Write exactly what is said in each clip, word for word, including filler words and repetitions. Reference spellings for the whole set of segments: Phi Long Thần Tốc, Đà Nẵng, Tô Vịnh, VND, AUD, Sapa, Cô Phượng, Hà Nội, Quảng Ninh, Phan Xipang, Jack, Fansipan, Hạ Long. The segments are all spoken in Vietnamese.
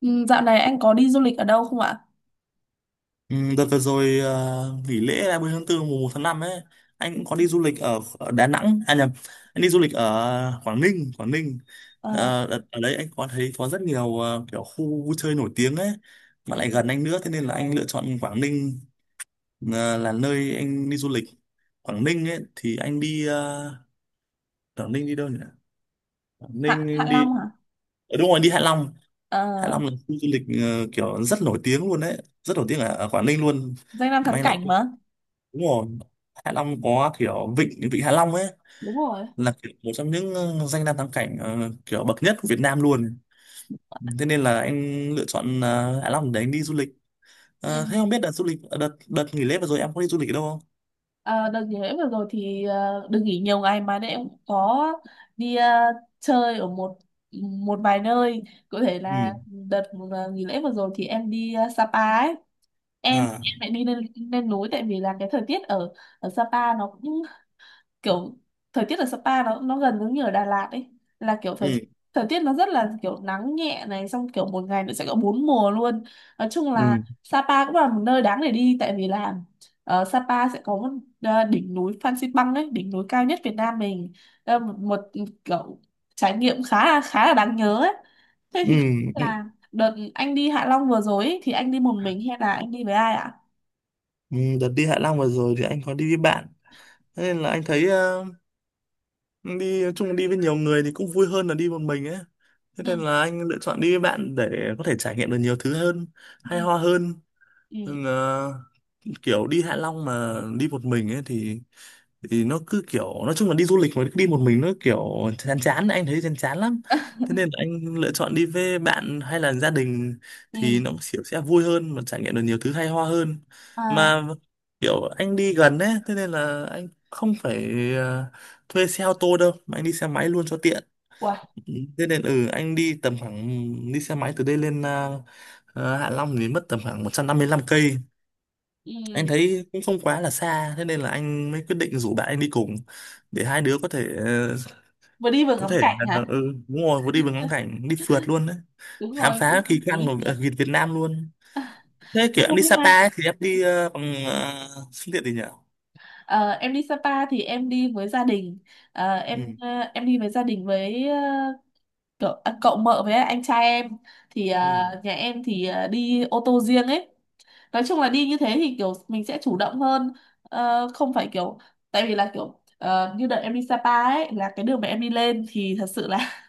Ừ, dạo này anh có đi du lịch ở đâu không ạ? Ừ, đợt vừa rồi ờ, nghỉ lễ ba mươi tháng tư tháng tư mùng một tháng năm ấy, anh cũng có đi du lịch ở, ở Đà Nẵng, à nhầm, anh đi du lịch ở Quảng Ninh, Quảng Ninh. À, Ờ, đợt, ở đấy anh có thấy có rất nhiều ờ, kiểu khu vui chơi nổi tiếng ấy mà lại gần ừ, anh nữa, thế nên là anh lựa chọn Quảng Ninh ờ, là nơi anh đi du lịch. Quảng Ninh ấy thì anh đi ờ, Quảng Ninh đi đâu nhỉ, Quảng Hạ Hạ Ninh đi Long hả? ở đúng rồi, đi Hạ Long. Hạ À, Long là khu du lịch ờ, kiểu rất nổi tiếng luôn đấy, rất nổi tiếng ở, ở Quảng Ninh luôn. danh lam Mà thắng anh lại, cảnh mà. đúng rồi, Hạ Long có kiểu vịnh vịnh Hạ Long ấy, Đúng rồi. là kiểu một trong những ờ, danh lam thắng cảnh ờ, kiểu bậc nhất của Việt Nam luôn. Thế nên là anh lựa chọn ờ, Hạ Long để anh đi du lịch. Ừ. Ờ, thế không biết đợt du lịch, ờ, đợt đợt nghỉ lễ vừa rồi em có đi du lịch ở đâu không? À, đợt nghỉ lễ vừa rồi thì ờ, được nghỉ nhiều ngày mà nên em cũng có đi ờ, chơi ở một một vài nơi. Cụ thể là Ừ, đợt ờ, nghỉ lễ vừa rồi thì em đi ờ, Sapa ấy. Em à, em lại đi lên lên núi tại vì là cái thời tiết ở ở Sapa nó cũng kiểu, thời tiết ở Sapa nó nó gần giống như ở Đà Lạt ấy, là kiểu thời ừ, thời tiết nó rất là kiểu nắng nhẹ này, xong kiểu một ngày nó sẽ có bốn mùa luôn. Nói chung ừ, là Sapa cũng là một nơi đáng để đi, tại vì là ờ, Sapa sẽ có một ờ, đỉnh núi Phan Xipang ấy, đỉnh núi cao nhất Việt Nam mình. Ờ, một, một kiểu trải nghiệm khá là khá là đáng nhớ ấy. Thế ừ, thì không biết ừ. là đợt anh đi Hạ Long vừa rồi ấy, thì anh đi một mình hay là anh đi với ai ạ? Ừ, đợt đi Hạ Long vừa rồi thì anh có đi với bạn, thế nên là anh thấy ờ, đi chung, đi với nhiều người thì cũng vui hơn là đi một mình ấy. Thế Ừ. nên là anh lựa chọn đi với bạn để có thể trải nghiệm được nhiều thứ hơn, hay ho hơn. Ừ. Ừ, kiểu đi Hạ Long mà đi một mình ấy thì, thì nó cứ kiểu, nói chung là đi du lịch mà đi một mình nó kiểu chán chán, anh thấy chán chán lắm. Ừ, Thế nên là anh lựa chọn đi với bạn hay là gia đình ừ. thì nó kiểu sẽ vui hơn mà trải nghiệm được nhiều thứ hay ho hơn. À. Mà kiểu anh đi gần ấy, thế nên là anh không phải ờ, thuê xe ô tô đâu, mà anh đi xe máy luôn cho tiện. Wow. Ừ, thế nên ừ anh đi tầm khoảng, đi xe máy từ đây lên ờ, ờ, Hạ Long thì mất tầm khoảng một trăm năm lăm cây. Anh Ừ. thấy cũng không quá là xa, thế nên là anh mới quyết định rủ bạn anh đi cùng để hai đứa có thể ờ, Vừa đi vừa có ngắm thể cảnh là hả? ừ, đúng rồi, vừa đi vừa ngắm cảnh, đi phượt luôn đấy, Đúng khám rồi, phá kỳ kiểu quan đi của ờ, phượt. Việt Việt Nam luôn. Thế kiểu em Không đi biết ha. Sapa ấy, thì em đi ờ, bằng uh, phương tiện gì nhỉ? Ờ, em đi Sapa thì em đi với gia đình. Ờ, Ừ, em ờ, em đi với gia đình với ờ, cậu, à, cậu mợ với anh trai em thì ờ, ừ, nhà em thì ờ, đi ô tô riêng ấy. Nói chung là đi như thế thì kiểu mình sẽ chủ động hơn. Ờ, không phải kiểu, tại vì là kiểu ờ, như đợt em đi Sapa ấy, là cái đường mà em đi lên thì thật sự là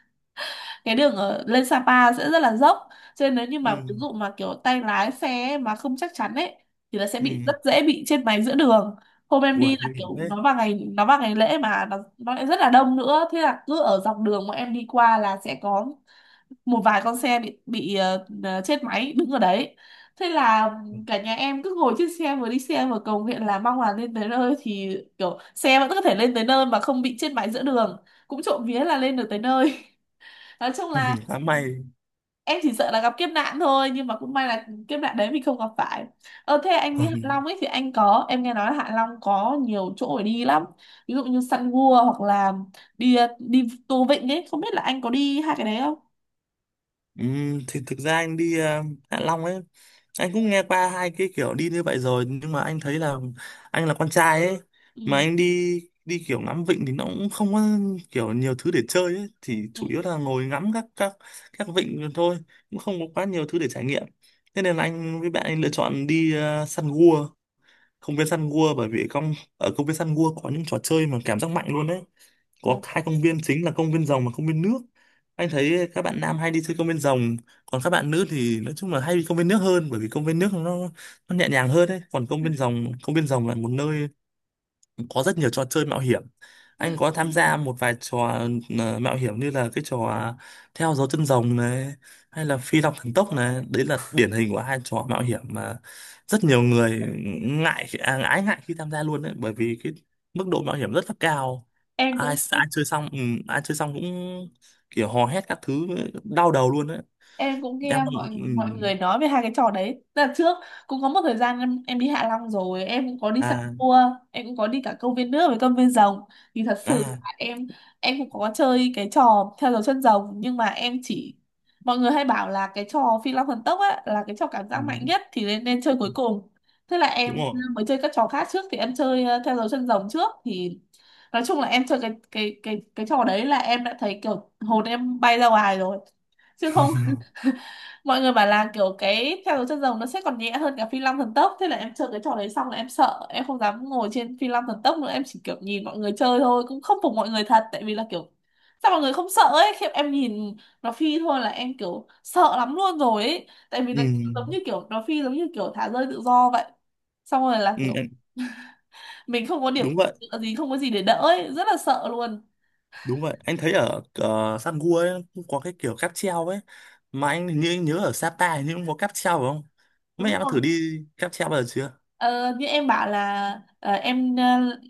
cái đường ở lên Sapa sẽ rất là dốc, cho nên nếu như mà ừ, ví dụ mà kiểu tay lái xe mà không chắc chắn ấy thì là sẽ bị, ừ, rất dễ bị chết máy giữa đường. Hôm em ui đi là nguy kiểu hiểm đấy. nó vào ngày, nó vào ngày lễ mà nó, nó lại rất là đông nữa, thế là cứ ở dọc đường mà em đi qua là sẽ có một vài con xe bị bị ờ, ờ, chết máy đứng ở đấy. Thế là cả nhà em cứ ngồi trên xe vừa đi xe vừa cầu nguyện là mong là lên tới nơi thì kiểu xe vẫn có thể lên tới nơi mà không bị chết máy giữa đường. Cũng trộm vía là lên được tới nơi. Nói chung là Quá may. em chỉ sợ là gặp kiếp nạn thôi, nhưng mà cũng may là kiếp nạn đấy mình không gặp phải. Ờ thế anh đi Hạ Long ấy thì anh có, em nghe nói là Hạ Long có nhiều chỗ để đi lắm, ví dụ như săn gua hoặc là đi đi Tô Vịnh ấy, không biết là anh có đi hai cái đấy không? Ừm, thì thực ra anh đi ờ, Hạ Long ấy, anh cũng nghe qua hai cái kiểu đi như vậy rồi, nhưng mà anh thấy là anh là con trai ấy, mà Ừ. anh đi đi kiểu ngắm vịnh thì nó cũng không có kiểu nhiều thứ để chơi ấy, thì Ừ. chủ yếu là ngồi ngắm các các các vịnh thôi, cũng không có quá nhiều thứ để trải nghiệm. Thế nên là anh với bạn anh lựa chọn đi ờ, săn gua, công viên săn gua, bởi vì công ở công viên săn gua có những trò chơi mà cảm giác mạnh luôn đấy. Có Vâng. hai công viên chính là công viên rồng và công viên nước. Anh thấy các bạn nam hay đi chơi công viên rồng, còn các bạn nữ thì nói chung là hay đi công viên nước hơn, bởi vì công viên nước nó nó nhẹ nhàng hơn đấy. Còn công viên rồng công viên rồng là một nơi có rất nhiều trò chơi mạo hiểm. Anh có tham gia một vài trò ờ, mạo hiểm như là cái trò à, theo dấu chân rồng này, hay là phi long thần tốc này, đấy là điển hình của hai trò mạo hiểm mà rất nhiều người ngại à, ái ngại khi tham gia luôn đấy, bởi vì cái mức độ mạo hiểm rất là cao. em Ai cũng ai chơi xong ừ, Ai chơi xong cũng kiểu hò hét các thứ, đau đầu luôn đấy. em cũng nghe Em, mọi ừ, mọi người nói về hai cái trò đấy. Tức là trước cũng có một thời gian em, em đi Hạ Long rồi, em cũng có đi săn à, cua, em cũng có đi cả công viên nước với công viên rồng. Thì thật sự à, là em em cũng có chơi cái trò theo dấu chân rồng, nhưng mà em chỉ, mọi người hay bảo là cái trò Phi Long Thần Tốc á là cái trò cảm ừ, giác mạnh nhất thì nên nên chơi cuối cùng. Thế là đúng em rồi. mới chơi các trò khác trước, thì em chơi ờ, theo dấu chân rồng trước thì, nói chung là em chơi cái cái cái cái trò đấy là em đã thấy kiểu hồn em bay ra ngoài rồi, chứ không, mọi người bảo là kiểu cái theo dấu chân rồng nó sẽ còn nhẹ hơn cả phi long thần tốc. Thế là em chơi cái trò đấy xong là em sợ, em không dám ngồi trên phi long thần tốc nữa, em chỉ kiểu nhìn mọi người chơi thôi. Cũng không phục mọi người thật, tại vì là kiểu sao mọi người không sợ ấy, khi em nhìn nó phi thôi là em kiểu sợ lắm luôn rồi ấy, tại vì Ừ, nó giống như kiểu, nó phi giống như kiểu thả rơi tự do vậy, xong rồi là ừ, kiểu mình không có điểm đúng vậy. tựa gì, không có gì để đỡ ấy, rất là sợ luôn. Đúng vậy, anh thấy ở ờ, San Gua ấy, cũng có cái kiểu cáp treo ấy. Mà anh hình như anh nhớ ở Sapa hình như cũng có cáp treo phải không? Mấy Đúng em đã rồi. thử đi cáp treo bao giờ chưa? Ờ, như em bảo là ờ, em ờ,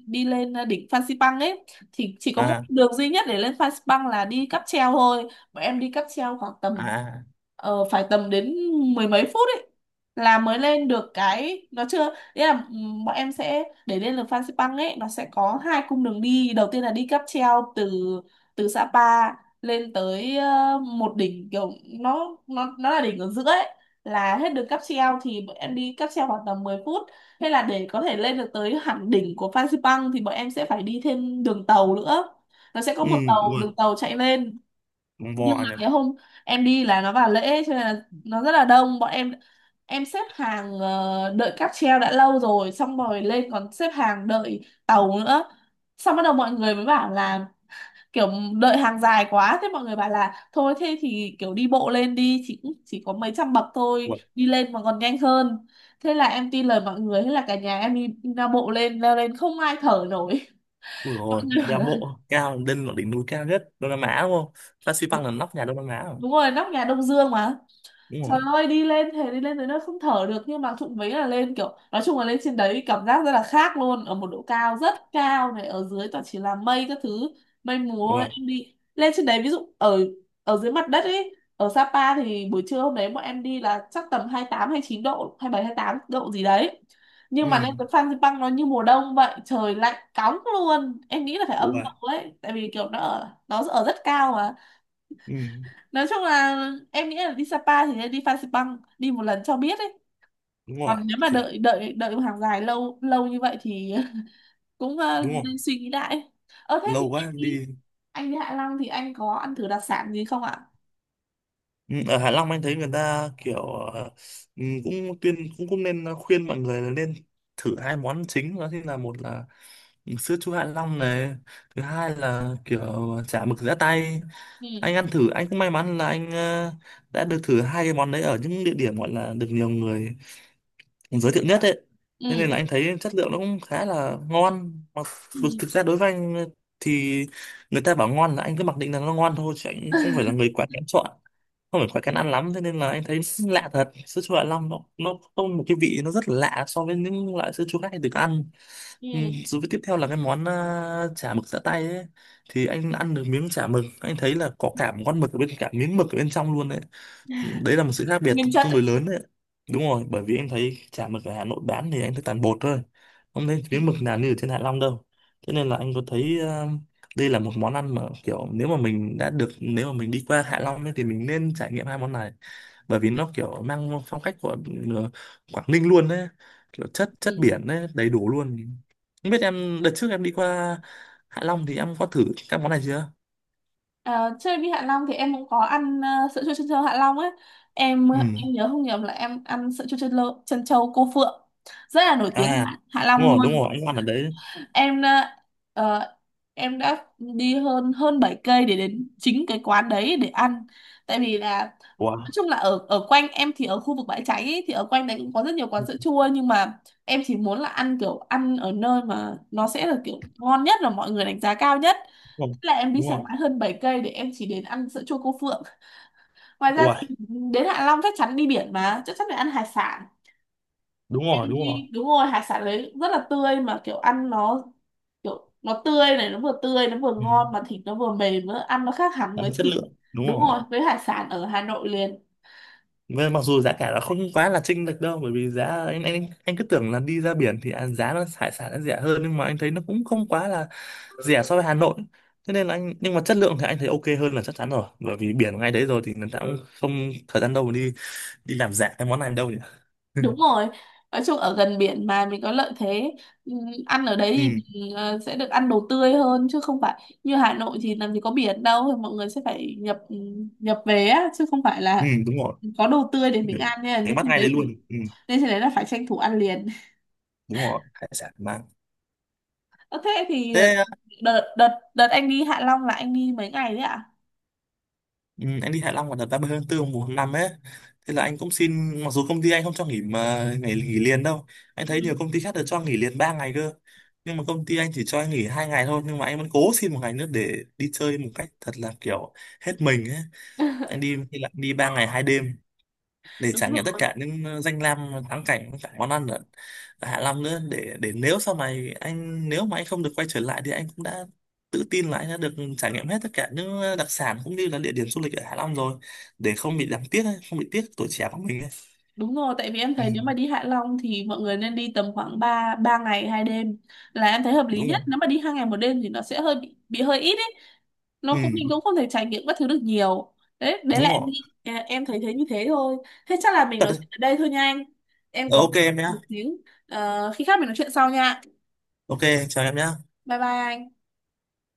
đi lên ờ, đỉnh Phan Xipang ấy, thì chỉ có một À, đường duy nhất để lên Phan Xipang là đi cáp treo thôi. Bọn em đi cáp treo khoảng à, tầm à. ờ, phải tầm đến mười mấy phút ấy là mới lên được. Cái nó chưa, nghĩa là ừm, bọn em sẽ, để lên được Phan Xipang ấy nó sẽ có hai cung đường đi, đầu tiên là đi cáp treo từ từ Sapa lên tới ờ, một đỉnh kiểu, nó nó nó là đỉnh ở giữa ấy, là hết đường cáp treo thì bọn em đi cáp treo khoảng tầm mười phút. Hay là để có thể lên được tới hẳn đỉnh của Fansipan thì bọn em sẽ phải đi thêm đường tàu nữa. Nó sẽ có Ừ, một tàu, ui, đường tàu chạy lên, con nhưng bò mà nhỉ. cái hôm em đi là nó vào lễ cho nên là nó rất là đông. Bọn em em xếp hàng ờ, đợi cáp treo đã lâu rồi, xong rồi lên còn xếp hàng đợi tàu nữa. Xong bắt đầu mọi người mới bảo là kiểu đợi hàng dài quá, thế mọi người bảo là thôi thế thì kiểu đi bộ lên đi, chỉ chỉ có mấy trăm bậc thôi, Ui, đi lên mà còn nhanh hơn. Thế là em tin lời mọi người, thế là cả nhà em đi đi ra bộ lên, leo lên không ai thở nổi. ui Mọi rồi, người bảo đeo là bộ cao, lên là đỉnh núi cao nhất Đông Nam Á đúng không? Phan Xipang là nóc nhà Đông Nam Á rồi. đúng rồi, nóc nhà Đông Dương mà. Đúng Trời rồi, ơi, đi lên thế đi lên tới nơi không thở được, nhưng mà trụng vấy là lên, kiểu nói chung là lên trên đấy cảm giác rất là khác luôn, ở một độ cao rất cao này, ở dưới toàn chỉ là mây các thứ, mây mù thôi. ui, Em đi lên trên đấy, ví dụ ở ở dưới mặt đất ấy ở Sapa thì buổi trưa hôm đấy bọn em đi là chắc tầm hai tám chín độ, hai bảy hai tám độ gì đấy, ừ, nhưng mà lên tới Fansipan nó như mùa đông vậy, trời lạnh cóng luôn, em nghĩ là phải âm ui, độ ấy, tại vì kiểu nó ở, nó ở rất cao. ừ, Nói chung là em nghĩ là đi Sapa thì nên đi Phan Xipang đi một lần cho biết ấy, đúng rồi, còn nếu mà kiểu, đợi đợi đợi một hàng dài lâu lâu như vậy thì cũng ờ, đúng không? nên suy nghĩ lại. Ờ thế thì Lâu quá anh đi đi. anh đi Hạ Long thì anh có ăn thử đặc sản gì không ạ? Ừ, ở Hạ Long anh thấy người ta kiểu ờ, ừ, cũng tuyên cũng cũng nên khuyên mọi người là nên thử hai món chính, đó chính là một là sữa chua Hạ Long này, thứ hai là kiểu chả mực giã tay. Ừ. Anh ăn thử, anh cũng may mắn là anh ờ, đã được thử hai cái món đấy ở những địa điểm gọi là được nhiều người giới thiệu nhất ấy. Thế nên Ừ. là anh thấy chất lượng nó cũng khá là ngon, mặc dù Ừ. thực ra đối với anh thì, người ta bảo ngon là anh cứ mặc định là nó ngon thôi, chứ anh không phải là người quá kén chọn, không phải quá kén ăn lắm. Thế nên là anh thấy lạ thật, sữa chua Hạ Long nó nó có một cái vị nó rất là lạ so với những loại sữa chua khác anh được ăn. Ừm, ừ. Rồi với tiếp theo là cái món ờ, chả mực giã tay ấy, thì anh ăn được miếng chả mực, anh thấy là có cả một con mực ở bên, cả miếng mực ở bên trong luôn đấy. Ừ, đấy là một sự khác biệt Nguyên chất tương ấy. đối lớn đấy. Đúng rồi, bởi vì em thấy chả mực ở Hà Nội bán thì anh thấy toàn bột thôi, không thấy Ừ. miếng mực nào như ở trên Hạ Long đâu. Thế nên là anh có thấy ờ, đây là một món ăn mà kiểu, nếu mà mình đã được, nếu mà mình đi qua Hạ Long ấy, thì mình nên trải nghiệm hai món này, bởi vì nó kiểu mang phong cách của ờ, Quảng Ninh luôn đấy, kiểu chất chất Ừ. biển đấy đầy đủ luôn. Không biết em đợt trước em đi qua Hạ Long thì em có thử các món này chưa? Ờ, chơi đi Hạ Long thì em cũng có ăn ờ, sữa chua chân trâu Hạ Long ấy. Em ờ, Ừ, em nhớ không nhầm là em ăn sữa chua chân trâu, chân trâu cô Phượng, rất là nổi tiếng à, ở Hạ Hạ đúng Long rồi, đúng luôn. rồi anh ăn ở đấy. Em đã ờ, em đã đi hơn hơn bảy cây để đến chính cái quán đấy để ăn. Tại vì là nói Wow. chung là ở ở quanh em thì ở khu vực bãi cháy ấy, thì ở quanh đấy cũng có rất nhiều quán sữa chua, nhưng mà em chỉ muốn là ăn kiểu ăn ở nơi mà nó sẽ là kiểu ngon nhất và mọi người đánh giá cao nhất. Đúng Thế là em đi xe rồi, máy hơn bảy cây để em chỉ đến ăn sữa chua cô Phượng. Ngoài đúng ra rồi. thì Ui, đến Hạ Long chắc chắn đi biển mà, chắc chắn phải ăn hải sản. đúng rồi, đúng rồi. Đi đúng rồi, hải sản đấy rất là tươi, mà kiểu ăn nó kiểu nó tươi này, nó vừa tươi nó vừa Ừ. ngon mà thịt nó vừa mềm nữa, ăn nó khác hẳn Gắn với chất thịt, lượng, đúng đúng rồi. rồi, với hải sản ở Hà Nội liền. Với, mặc dù giá cả nó không quá là chênh lệch đâu, bởi vì giá anh anh anh cứ tưởng là đi ra biển thì à, giá nó hải sản nó rẻ hơn, nhưng mà anh thấy nó cũng không quá là rẻ so với Hà Nội. Thế nên là anh, nhưng mà chất lượng thì anh thấy ok hơn là chắc chắn rồi, bởi vì biển ngay đấy rồi thì người ta cũng không thời gian đâu mà đi đi làm giả cái món này đâu nhỉ. Đúng rồi, nói chung ở gần biển mà mình có lợi thế. Ừm, ăn ở đấy Ừ, thì mình ờ, sẽ được ăn đồ tươi hơn, chứ không phải như Hà Nội thì làm gì có biển đâu, thì mọi người sẽ phải nhập ừ, nhập về á, chứ không phải ừ, là đúng rồi, có đồ tươi để mình để ăn nha. đánh Nên bắt trên ngay đấy đấy, luôn. Ừ, nên trên đấy là phải tranh thủ ăn liền. đúng rồi, hải sản mang, Ờ, thế thì ờ, thế. đợt đợt đợt anh đi Hạ Long là anh đi mấy ngày đấy ạ? Ừ, anh đi Hạ Long vào đợt ba mươi tháng tư mùng một tháng năm ấy, thế là anh cũng xin, mặc dù công ty anh không cho nghỉ mà ngày nghỉ liền đâu, anh Ừ. thấy nhiều công ty khác được cho nghỉ liền ba ngày cơ, nhưng mà công ty anh chỉ cho anh nghỉ hai ngày thôi, nhưng mà anh vẫn cố xin một ngày nữa để đi chơi một cách thật là kiểu hết mình ấy. Anh đi thì lại đi ba ngày hai đêm để Đúng trải nghiệm tất rồi. cả những ờ, danh lam ờ, thắng cảnh, cả món ăn ở ở Hạ Long nữa. Để để Nếu sau này anh, nếu mà anh không được quay trở lại thì anh cũng đã tự tin là anh đã được trải nghiệm hết tất cả những ờ, đặc sản cũng như là địa điểm du lịch ở Hạ Long rồi, để không bị đáng tiếc ấy, không bị tiếc tuổi trẻ của mình ấy. Đúng rồi, tại vì em Ừ, thấy nếu mà đi Hạ Long thì mọi người nên đi tầm khoảng ba ba ngày hai đêm là em thấy hợp lý đúng nhất. rồi, Nếu mà đi hai ngày một đêm thì nó sẽ hơi bị, bị hơi ít ấy. Nó cũng, mình ừ, cũng không thể trải nghiệm các thứ được nhiều. Đấy, đấy đúng là em rồi, nghĩ, à, em thấy thế, như thế thôi. Thế chắc là mình thật nói đấy. chuyện ở đây thôi nha anh. Em Ờ, có ok em nhé. một xíu. Ờ, khi khác mình nói chuyện sau nha. Ok, chào em nhé. Bye bye anh.